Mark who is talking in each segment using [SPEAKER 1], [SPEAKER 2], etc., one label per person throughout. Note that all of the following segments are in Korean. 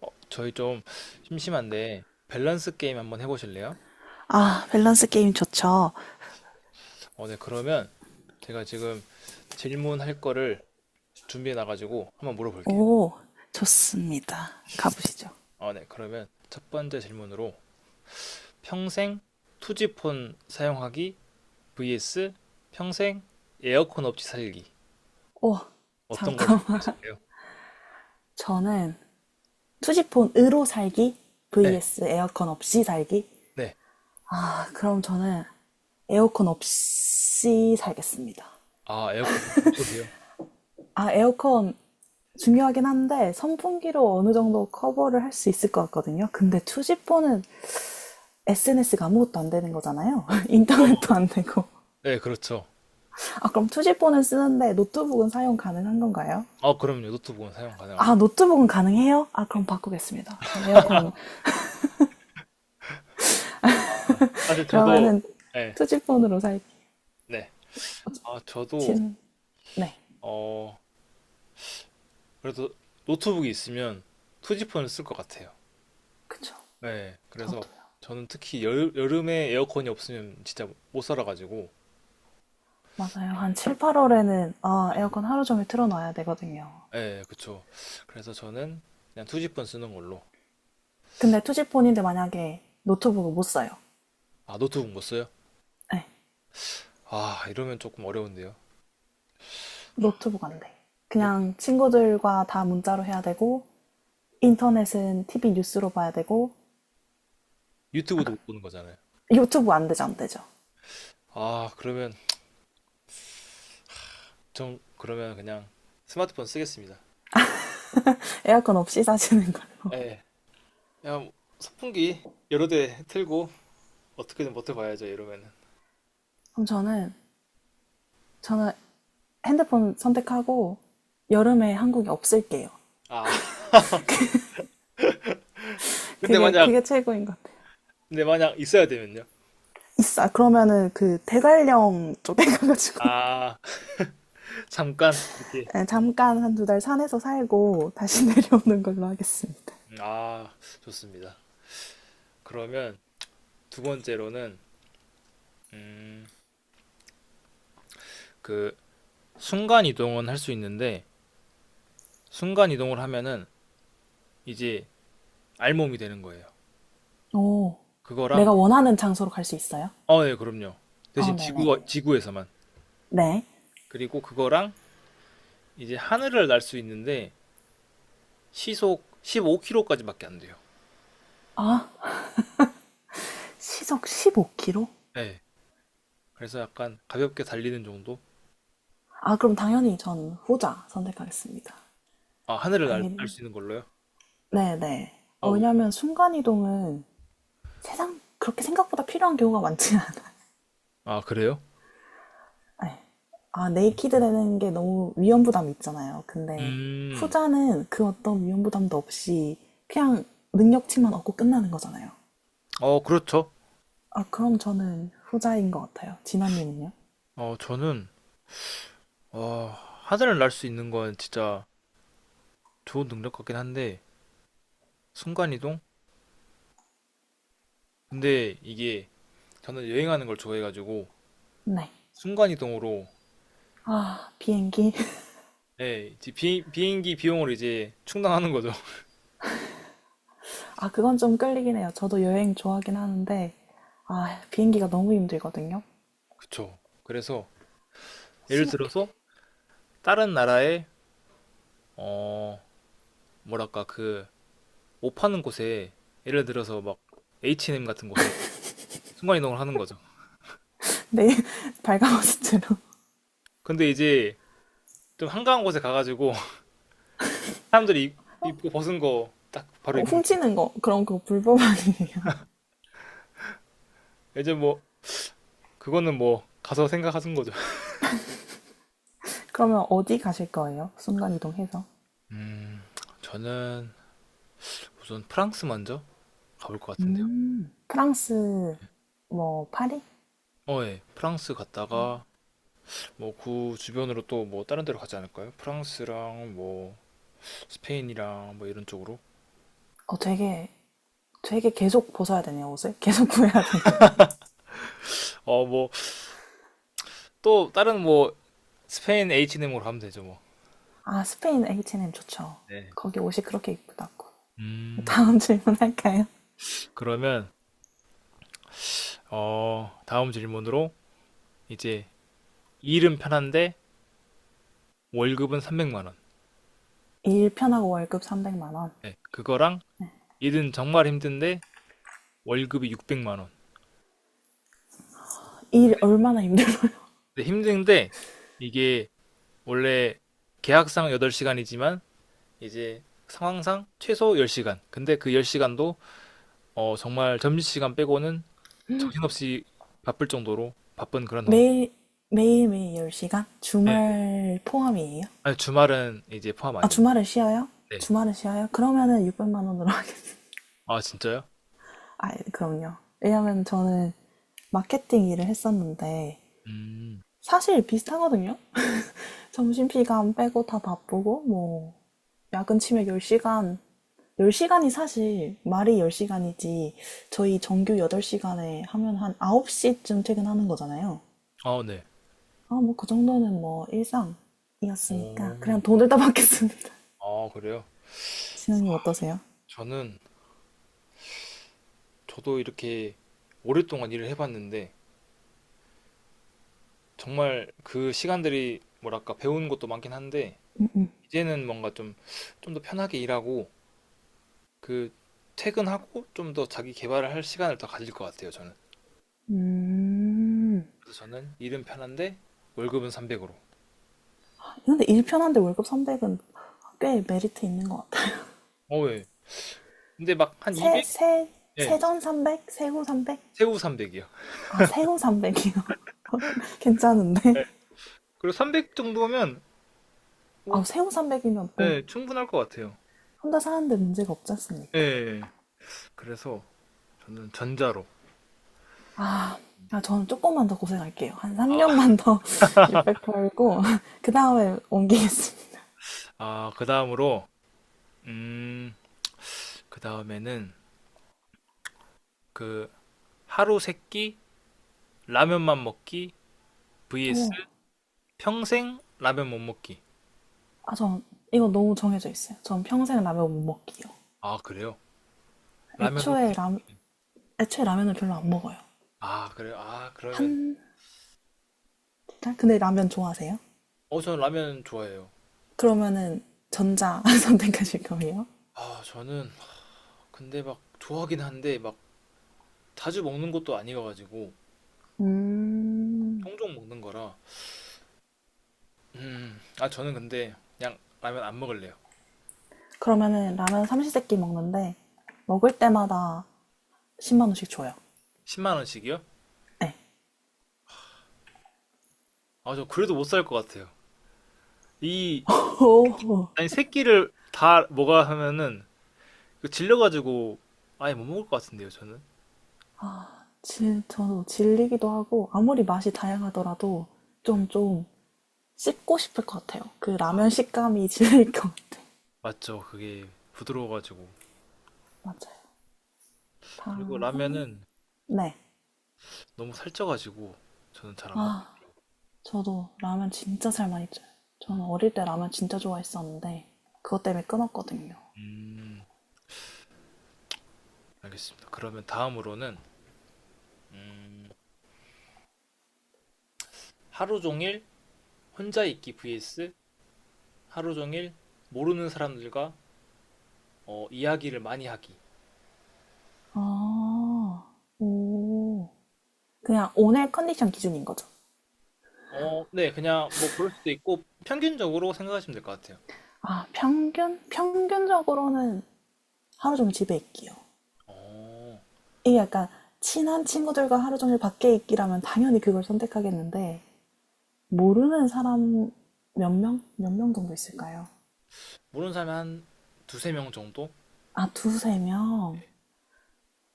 [SPEAKER 1] 저희 좀 심심한데 밸런스 게임 한번 해보실래요?
[SPEAKER 2] 아, 밸런스 게임 좋죠.
[SPEAKER 1] 네, 그러면 제가 지금 질문할 거를 준비해 놔가지고 한번 물어볼게요.
[SPEAKER 2] 오, 좋습니다. 가보시죠.
[SPEAKER 1] 네, 그러면 첫 번째 질문으로 평생 투지폰 사용하기 vs 평생 에어컨 없이 살기,
[SPEAKER 2] 오,
[SPEAKER 1] 어떤 걸
[SPEAKER 2] 잠깐만.
[SPEAKER 1] 선택하실래요?
[SPEAKER 2] 저는 투지폰으로 살기
[SPEAKER 1] 네,
[SPEAKER 2] vs 에어컨 없이 살기.
[SPEAKER 1] 네.
[SPEAKER 2] 아, 그럼 저는 에어컨 없이 살겠습니다.
[SPEAKER 1] 아, 에어컨 없으세요?
[SPEAKER 2] 아, 에어컨 중요하긴 한데 선풍기로 어느 정도 커버를 할 수 있을 것 같거든요. 근데 투지폰은 SNS가 아무것도 안 되는 거잖아요.
[SPEAKER 1] 어,
[SPEAKER 2] 인터넷도 안 되고.
[SPEAKER 1] 네, 그렇죠.
[SPEAKER 2] 아, 그럼 투지폰은 쓰는데 노트북은 사용 가능한 건가요?
[SPEAKER 1] 아, 그럼요. 노트북은 사용
[SPEAKER 2] 아,
[SPEAKER 1] 가능합니다.
[SPEAKER 2] 노트북은 가능해요? 아,
[SPEAKER 1] 네.
[SPEAKER 2] 그럼 바꾸겠습니다. 전 에어컨.
[SPEAKER 1] 아, 사실 저도.
[SPEAKER 2] 그러면은
[SPEAKER 1] 네,
[SPEAKER 2] 투지폰으로 살기.
[SPEAKER 1] 네. 아, 저도
[SPEAKER 2] 지금, 네.
[SPEAKER 1] 어 그래도 노트북이 있으면 투지폰을 쓸 것 같아요.
[SPEAKER 2] 그쵸.
[SPEAKER 1] 네, 그래서
[SPEAKER 2] 저도요.
[SPEAKER 1] 저는 특히 여름에 에어컨이 없으면 진짜 못 살아가지고.
[SPEAKER 2] 맞아요. 한 7, 8월에는, 아, 에어컨 하루 종일 틀어놔야 되거든요.
[SPEAKER 1] 네, 그쵸. 그래서 저는 그냥 투지폰 쓰는 걸로.
[SPEAKER 2] 근데 투지폰인데 만약에 노트북을 못 써요.
[SPEAKER 1] 아, 노트북 못 써요?
[SPEAKER 2] 네.
[SPEAKER 1] 아, 이러면 조금 어려운데요.
[SPEAKER 2] 노트북 안 돼.
[SPEAKER 1] 노-
[SPEAKER 2] 그냥 친구들과 다 문자로 해야 되고, 인터넷은 TV 뉴스로 봐야 되고,
[SPEAKER 1] 유튜브도 못 보는 거잖아요.
[SPEAKER 2] 유튜브 안 되죠, 안 되죠.
[SPEAKER 1] 아, 그러면 전 그러면 그냥 스마트폰 쓰겠습니다.
[SPEAKER 2] 에어컨 없이 사시는 걸로.
[SPEAKER 1] 예. 그냥 선풍기 여러 대 틀고 어떻게든 버텨봐야죠, 이러면은.
[SPEAKER 2] 그럼 저는, 저는 핸드폰 선택하고 여름에 한국에 없을게요.
[SPEAKER 1] 아, 근데
[SPEAKER 2] 그게
[SPEAKER 1] 만약
[SPEAKER 2] 그게 최고인 것 같아요.
[SPEAKER 1] 근데 만약 있어야 되면요.
[SPEAKER 2] 있어. 그러면은 그 대관령 쪽에 가가지고
[SPEAKER 1] 아, 잠깐 이렇게.
[SPEAKER 2] 네, 잠깐 한 두 달 산에서 살고 다시 내려오는 걸로 하겠습니다.
[SPEAKER 1] 음, 아 좋습니다. 그러면 두 번째로는, 음, 그 순간 이동은 할 수 있는데 순간 이동을 하면은 이제 알몸이 되는 거예요.
[SPEAKER 2] 오,
[SPEAKER 1] 그거랑.
[SPEAKER 2] 내가 원하는 장소로 갈 수 있어요?
[SPEAKER 1] 어, 예, 그럼요.
[SPEAKER 2] 어,
[SPEAKER 1] 대신
[SPEAKER 2] 네네.
[SPEAKER 1] 지구에서만.
[SPEAKER 2] 네.
[SPEAKER 1] 그리고 그거랑 이제 하늘을 날 수 있는데 시속 15km까지밖에 안 돼요.
[SPEAKER 2] 아, 시속 15km?
[SPEAKER 1] 예. 네. 그래서 약간 가볍게 달리는 정도?
[SPEAKER 2] 아, 그럼 당연히 전 후자 선택하겠습니다.
[SPEAKER 1] 아, 하늘을
[SPEAKER 2] 아,
[SPEAKER 1] 날
[SPEAKER 2] 이게-
[SPEAKER 1] 수 있는 걸로요?
[SPEAKER 2] 네네. 어,
[SPEAKER 1] 어, 왜요?
[SPEAKER 2] 왜냐면 순간이동은 세상 그렇게 생각보다 필요한 경우가 많지 않아요.
[SPEAKER 1] 아, 그래요?
[SPEAKER 2] 에. 아, 네이키드 되는 게 너무 위험 부담이 있잖아요. 근데
[SPEAKER 1] 음.
[SPEAKER 2] 후자는 그 어떤 위험 부담도 없이 그냥 능력치만 얻고 끝나는 거잖아요.
[SPEAKER 1] 어, 그렇죠.
[SPEAKER 2] 아, 그럼 저는 후자인 것 같아요. 진아님은요?
[SPEAKER 1] 어, 저는. 와, 하늘을 날 수 있는 건 진짜 좋은 능력 같긴 한데, 순간이동? 근데 이게 저는 여행하는 걸 좋아해가지고,
[SPEAKER 2] 네.
[SPEAKER 1] 순간이동으로,
[SPEAKER 2] 아, 비행기.
[SPEAKER 1] 예, 이제 비행기 비용을 이제 충당하는 거죠.
[SPEAKER 2] 아, 그건 좀 끌리긴 해요. 저도 여행 좋아하긴 하는데, 아, 비행기가 너무 힘들거든요.
[SPEAKER 1] 그쵸. 그래서, 예를
[SPEAKER 2] 심5 k m
[SPEAKER 1] 들어서, 다른 나라의 어, 뭐랄까, 그, 옷 파는 곳에, 예를 들어서 막, H&M 같은 곳에 순간이동을 하는 거죠.
[SPEAKER 2] 네, 발가벗스트로.
[SPEAKER 1] 근데 이제, 좀 한가한 곳에 가가지고, 사람들이 입고 벗은 거 딱 바로 입는
[SPEAKER 2] 훔치는 거, 그럼 그거 불법 아니에요?
[SPEAKER 1] 거예요. 이제 뭐, 그거는 뭐 가서 생각하신 거죠.
[SPEAKER 2] 그러면 어디 가실 거예요? 순간이동해서?
[SPEAKER 1] 음, 저는 우선 프랑스 먼저 가볼 것 같은데요.
[SPEAKER 2] 프랑스, 뭐, 파리?
[SPEAKER 1] 어, 예. 프랑스 갔다가 뭐 그 주변으로 또 뭐 다른 데로 가지 않을까요? 프랑스랑 뭐 스페인이랑 뭐 이런 쪽으로.
[SPEAKER 2] 어, 되게 계속 벗어야 되네요, 옷을. 계속 구해야 되네요.
[SPEAKER 1] 어, 뭐 또 다른 뭐 스페인 h m 으로 가면 되죠, 뭐.
[SPEAKER 2] 아, 스페인 H&M 좋죠.
[SPEAKER 1] 네.
[SPEAKER 2] 거기 옷이 그렇게 이쁘다고.
[SPEAKER 1] 음,
[SPEAKER 2] 다음 질문 할까요?
[SPEAKER 1] 그러면 어, 다음 질문으로 이제 일은 편한데 월급은 300만 원.
[SPEAKER 2] 일 편하고 월급 300만 원.
[SPEAKER 1] 네, 그거랑 일은 정말 힘든데 월급이 600만 원.
[SPEAKER 2] 일 얼마나 힘들어요?
[SPEAKER 1] 근데 힘든데 이게 원래 계약상 8시간이지만 이제 상황상 최소 10시간. 근데 그 10시간도 정말 점심시간 빼고는 정신없이 바쁠 정도로 바쁜 그런 환경.
[SPEAKER 2] 매일, 매일매일 10시간?
[SPEAKER 1] 네.
[SPEAKER 2] 주말 포함이에요?
[SPEAKER 1] 아니, 주말은 이제 포함
[SPEAKER 2] 아,
[SPEAKER 1] 아니에요.
[SPEAKER 2] 주말은 쉬어요?
[SPEAKER 1] 네.
[SPEAKER 2] 주말은 쉬어요? 그러면은 600만 원으로 하겠어요.
[SPEAKER 1] 아, 진짜요?
[SPEAKER 2] 아, 그럼요. 왜냐면 저는 마케팅 일을 했었는데,
[SPEAKER 1] 음.
[SPEAKER 2] 사실 비슷하거든요? 점심 시간 빼고 다 바쁘고 뭐 야근 치면 10시간 10시간이 사실 말이 10시간이지 저희 정규 8시간에 하면 한 9시쯤 퇴근하는 거잖아요.
[SPEAKER 1] 아, 네.
[SPEAKER 2] 아, 뭐 그 정도는 뭐 일상이었으니까
[SPEAKER 1] 오.
[SPEAKER 2] 그냥 돈을 따받겠습니다.
[SPEAKER 1] 아, 그래요?
[SPEAKER 2] 진영님 어떠세요?
[SPEAKER 1] 저는 저도 이렇게 오랫동안 일을 해봤는데, 정말 그 시간들이 뭐랄까 배우는 것도 많긴 한데 이제는 뭔가 좀 더 편하게 일하고 그 퇴근하고 좀 더 자기 개발을 할 시간을 더 가질 것 같아요, 저는.
[SPEAKER 2] 음.
[SPEAKER 1] 그래서 저는 일은 편한데 월급은 300으로.
[SPEAKER 2] 근데 일 편한데 월급 300은 꽤 메리트 있는 것 같아요.
[SPEAKER 1] 어, 예. 근데 막 한
[SPEAKER 2] 세,
[SPEAKER 1] 200?
[SPEAKER 2] 세,
[SPEAKER 1] 예,
[SPEAKER 2] 세전 300? 세후 300?
[SPEAKER 1] 세후 300이요.
[SPEAKER 2] 아, 세후 300이요. 괜찮은데?
[SPEAKER 1] 예. 그리고 300 정도면
[SPEAKER 2] 아,
[SPEAKER 1] 뭐,
[SPEAKER 2] 세후 300이면 뭐
[SPEAKER 1] 예, 충분할 것 같아요.
[SPEAKER 2] 혼자 사는데 문제가 없지
[SPEAKER 1] 예, 예.
[SPEAKER 2] 않습니까?
[SPEAKER 1] 예. 그래서 저는 전자로.
[SPEAKER 2] 아, 아, 저는 조금만 더 고생할게요. 한
[SPEAKER 1] 아,
[SPEAKER 2] 3년만 더 600 벌고, 그 다음에 옮기겠습니다.
[SPEAKER 1] 그 다음으로, 음, 그 다음에는 그 하루 세끼 라면만 먹기
[SPEAKER 2] 오,
[SPEAKER 1] vs 평생 라면 못 먹기.
[SPEAKER 2] 아, 전 이거 너무 정해져 있어요. 전 평생 라면 못 먹기요.
[SPEAKER 1] 아, 그래요? 라면으로.
[SPEAKER 2] 애초에 라, 애초에 라면을 별로 안 먹어요.
[SPEAKER 1] 아, 그래요? 아, 그러면
[SPEAKER 2] 한, 달? 근데 라면 좋아하세요?
[SPEAKER 1] 어, 저는 라면 좋아해요.
[SPEAKER 2] 그러면은 전자 선택하실 거예요?
[SPEAKER 1] 아, 저는 근데 막 좋아하긴 한데 막 자주 먹는 것도 아니어가지고
[SPEAKER 2] 음,
[SPEAKER 1] 종종 먹는 거라. 아, 저는 근데 그냥 라면 안 먹을래요.
[SPEAKER 2] 그러면은 라면 삼시세끼 먹는데, 먹을 때마다 10만 원씩 줘요.
[SPEAKER 1] 10만 원씩이요?
[SPEAKER 2] 네.
[SPEAKER 1] 아, 저 그래도 못 살 것 같아요. 이,
[SPEAKER 2] 오,
[SPEAKER 1] 아니, 세 끼를 다 먹어야 하면은 그 질려가지고 아예 못 먹을 것 같은데요, 저는.
[SPEAKER 2] 진, 저도 질리기도 하고 아무리 맛이 다양하더라도 좀 씹고 싶을 것 같아요. 그 라면 식감이 질릴 것 같아요.
[SPEAKER 1] 맞죠? 그게 부드러워가지고.
[SPEAKER 2] 맞아요.
[SPEAKER 1] 그리고
[SPEAKER 2] 다음.
[SPEAKER 1] 라면은
[SPEAKER 2] 네.
[SPEAKER 1] 너무 살쪄가지고 저는 잘 안 먹겠...
[SPEAKER 2] 아, 저도 라면 진짜 잘 많이 쪄요. 저는 어릴 때 라면 진짜 좋아했었는데 그것 때문에 끊었거든요.
[SPEAKER 1] 음, 알겠습니다. 그러면 다음으로는 음, 하루 종일 혼자 있기 vs 하루 종일 모르는 사람들과 이야기를 많이 하기.
[SPEAKER 2] 아, 오. 그냥 오늘 컨디션 기준인 거죠.
[SPEAKER 1] 어, 네, 그냥 뭐 그럴 수도 있고 평균적으로 생각하시면 될 것 같아요.
[SPEAKER 2] 아, 평균? 평균적으로는 하루 종일 집에 있기요.
[SPEAKER 1] 어,
[SPEAKER 2] 이게 약간 친한 친구들과 하루 종일 밖에 있기라면 당연히 그걸 선택하겠는데 모르는 사람 몇 명? 몇 명 정도 있을까요?
[SPEAKER 1] 모르는 사람이 한 두세 명 정도?
[SPEAKER 2] 아, 두세 명?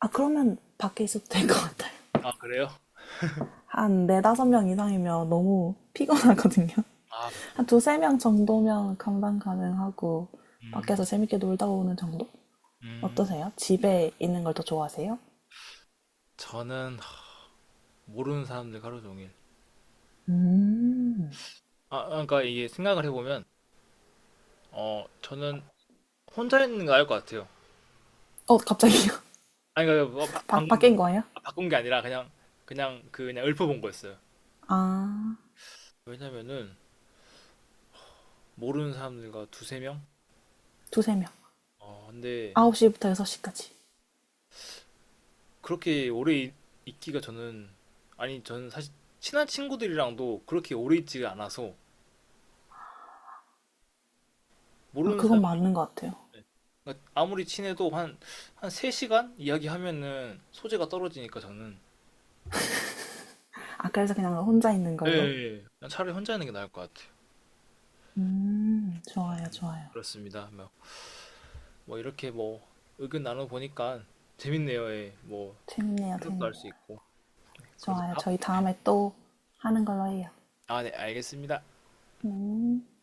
[SPEAKER 2] 아, 그러면 밖에 있어도 될 것 같아요.
[SPEAKER 1] 아, 그래요?
[SPEAKER 2] 한 네다섯 명 이상이면 너무 피곤하거든요.
[SPEAKER 1] 아,
[SPEAKER 2] 한
[SPEAKER 1] 그쵸.
[SPEAKER 2] 두세 명 정도면 감당 가능하고
[SPEAKER 1] 음,
[SPEAKER 2] 밖에서 재밌게 놀다 오는 정도?
[SPEAKER 1] 음,
[SPEAKER 2] 어떠세요? 집에 있는 걸 더 좋아하세요?
[SPEAKER 1] 저는 모르는 사람들 하루 종일.
[SPEAKER 2] 음.
[SPEAKER 1] 아, 그러니까 이게 생각을 해보면, 어, 저는 혼자 있는 거 알 것 같아요.
[SPEAKER 2] 어, 갑자기요?
[SPEAKER 1] 아니, 그러니까 뭐 방금.
[SPEAKER 2] 바뀐 거예요?
[SPEAKER 1] 아, 바꾼 게 아니라 그냥 그냥 그냥 읊어본 거였어요.
[SPEAKER 2] 아,
[SPEAKER 1] 왜냐면은 모르는 사람들과 두세 명.
[SPEAKER 2] 두세 명.
[SPEAKER 1] 어, 근데
[SPEAKER 2] 9시부터 6시까지.
[SPEAKER 1] 그렇게 오래 있기가 저는, 아니 저는 사실 친한 친구들이랑도 그렇게 오래 있지가 않아서
[SPEAKER 2] 아,
[SPEAKER 1] 모르는
[SPEAKER 2] 그건
[SPEAKER 1] 사람들.
[SPEAKER 2] 맞는 것 같아요.
[SPEAKER 1] 그러니까 아무리 친해도 한 3시간 이야기하면은 소재가 떨어지니까 저는.
[SPEAKER 2] 아, 그래서 그냥 혼자 있는
[SPEAKER 1] 예,
[SPEAKER 2] 걸로?
[SPEAKER 1] 예. 냥 차라리 혼자 있는 게 나을 것 같아요.
[SPEAKER 2] 좋아요, 좋아요.
[SPEAKER 1] 그렇습니다. 뭐, 뭐 이렇게 뭐 의견 나눠보니까 재밌네요. 예. 뭐
[SPEAKER 2] 재밌네요,
[SPEAKER 1] 생각도 할
[SPEAKER 2] 재밌네요.
[SPEAKER 1] 수 있고. 그러면
[SPEAKER 2] 좋아요.
[SPEAKER 1] 다.
[SPEAKER 2] 저희 다음에 또 하는 걸로 해요.
[SPEAKER 1] 아, 네, 알겠습니다.
[SPEAKER 2] 음.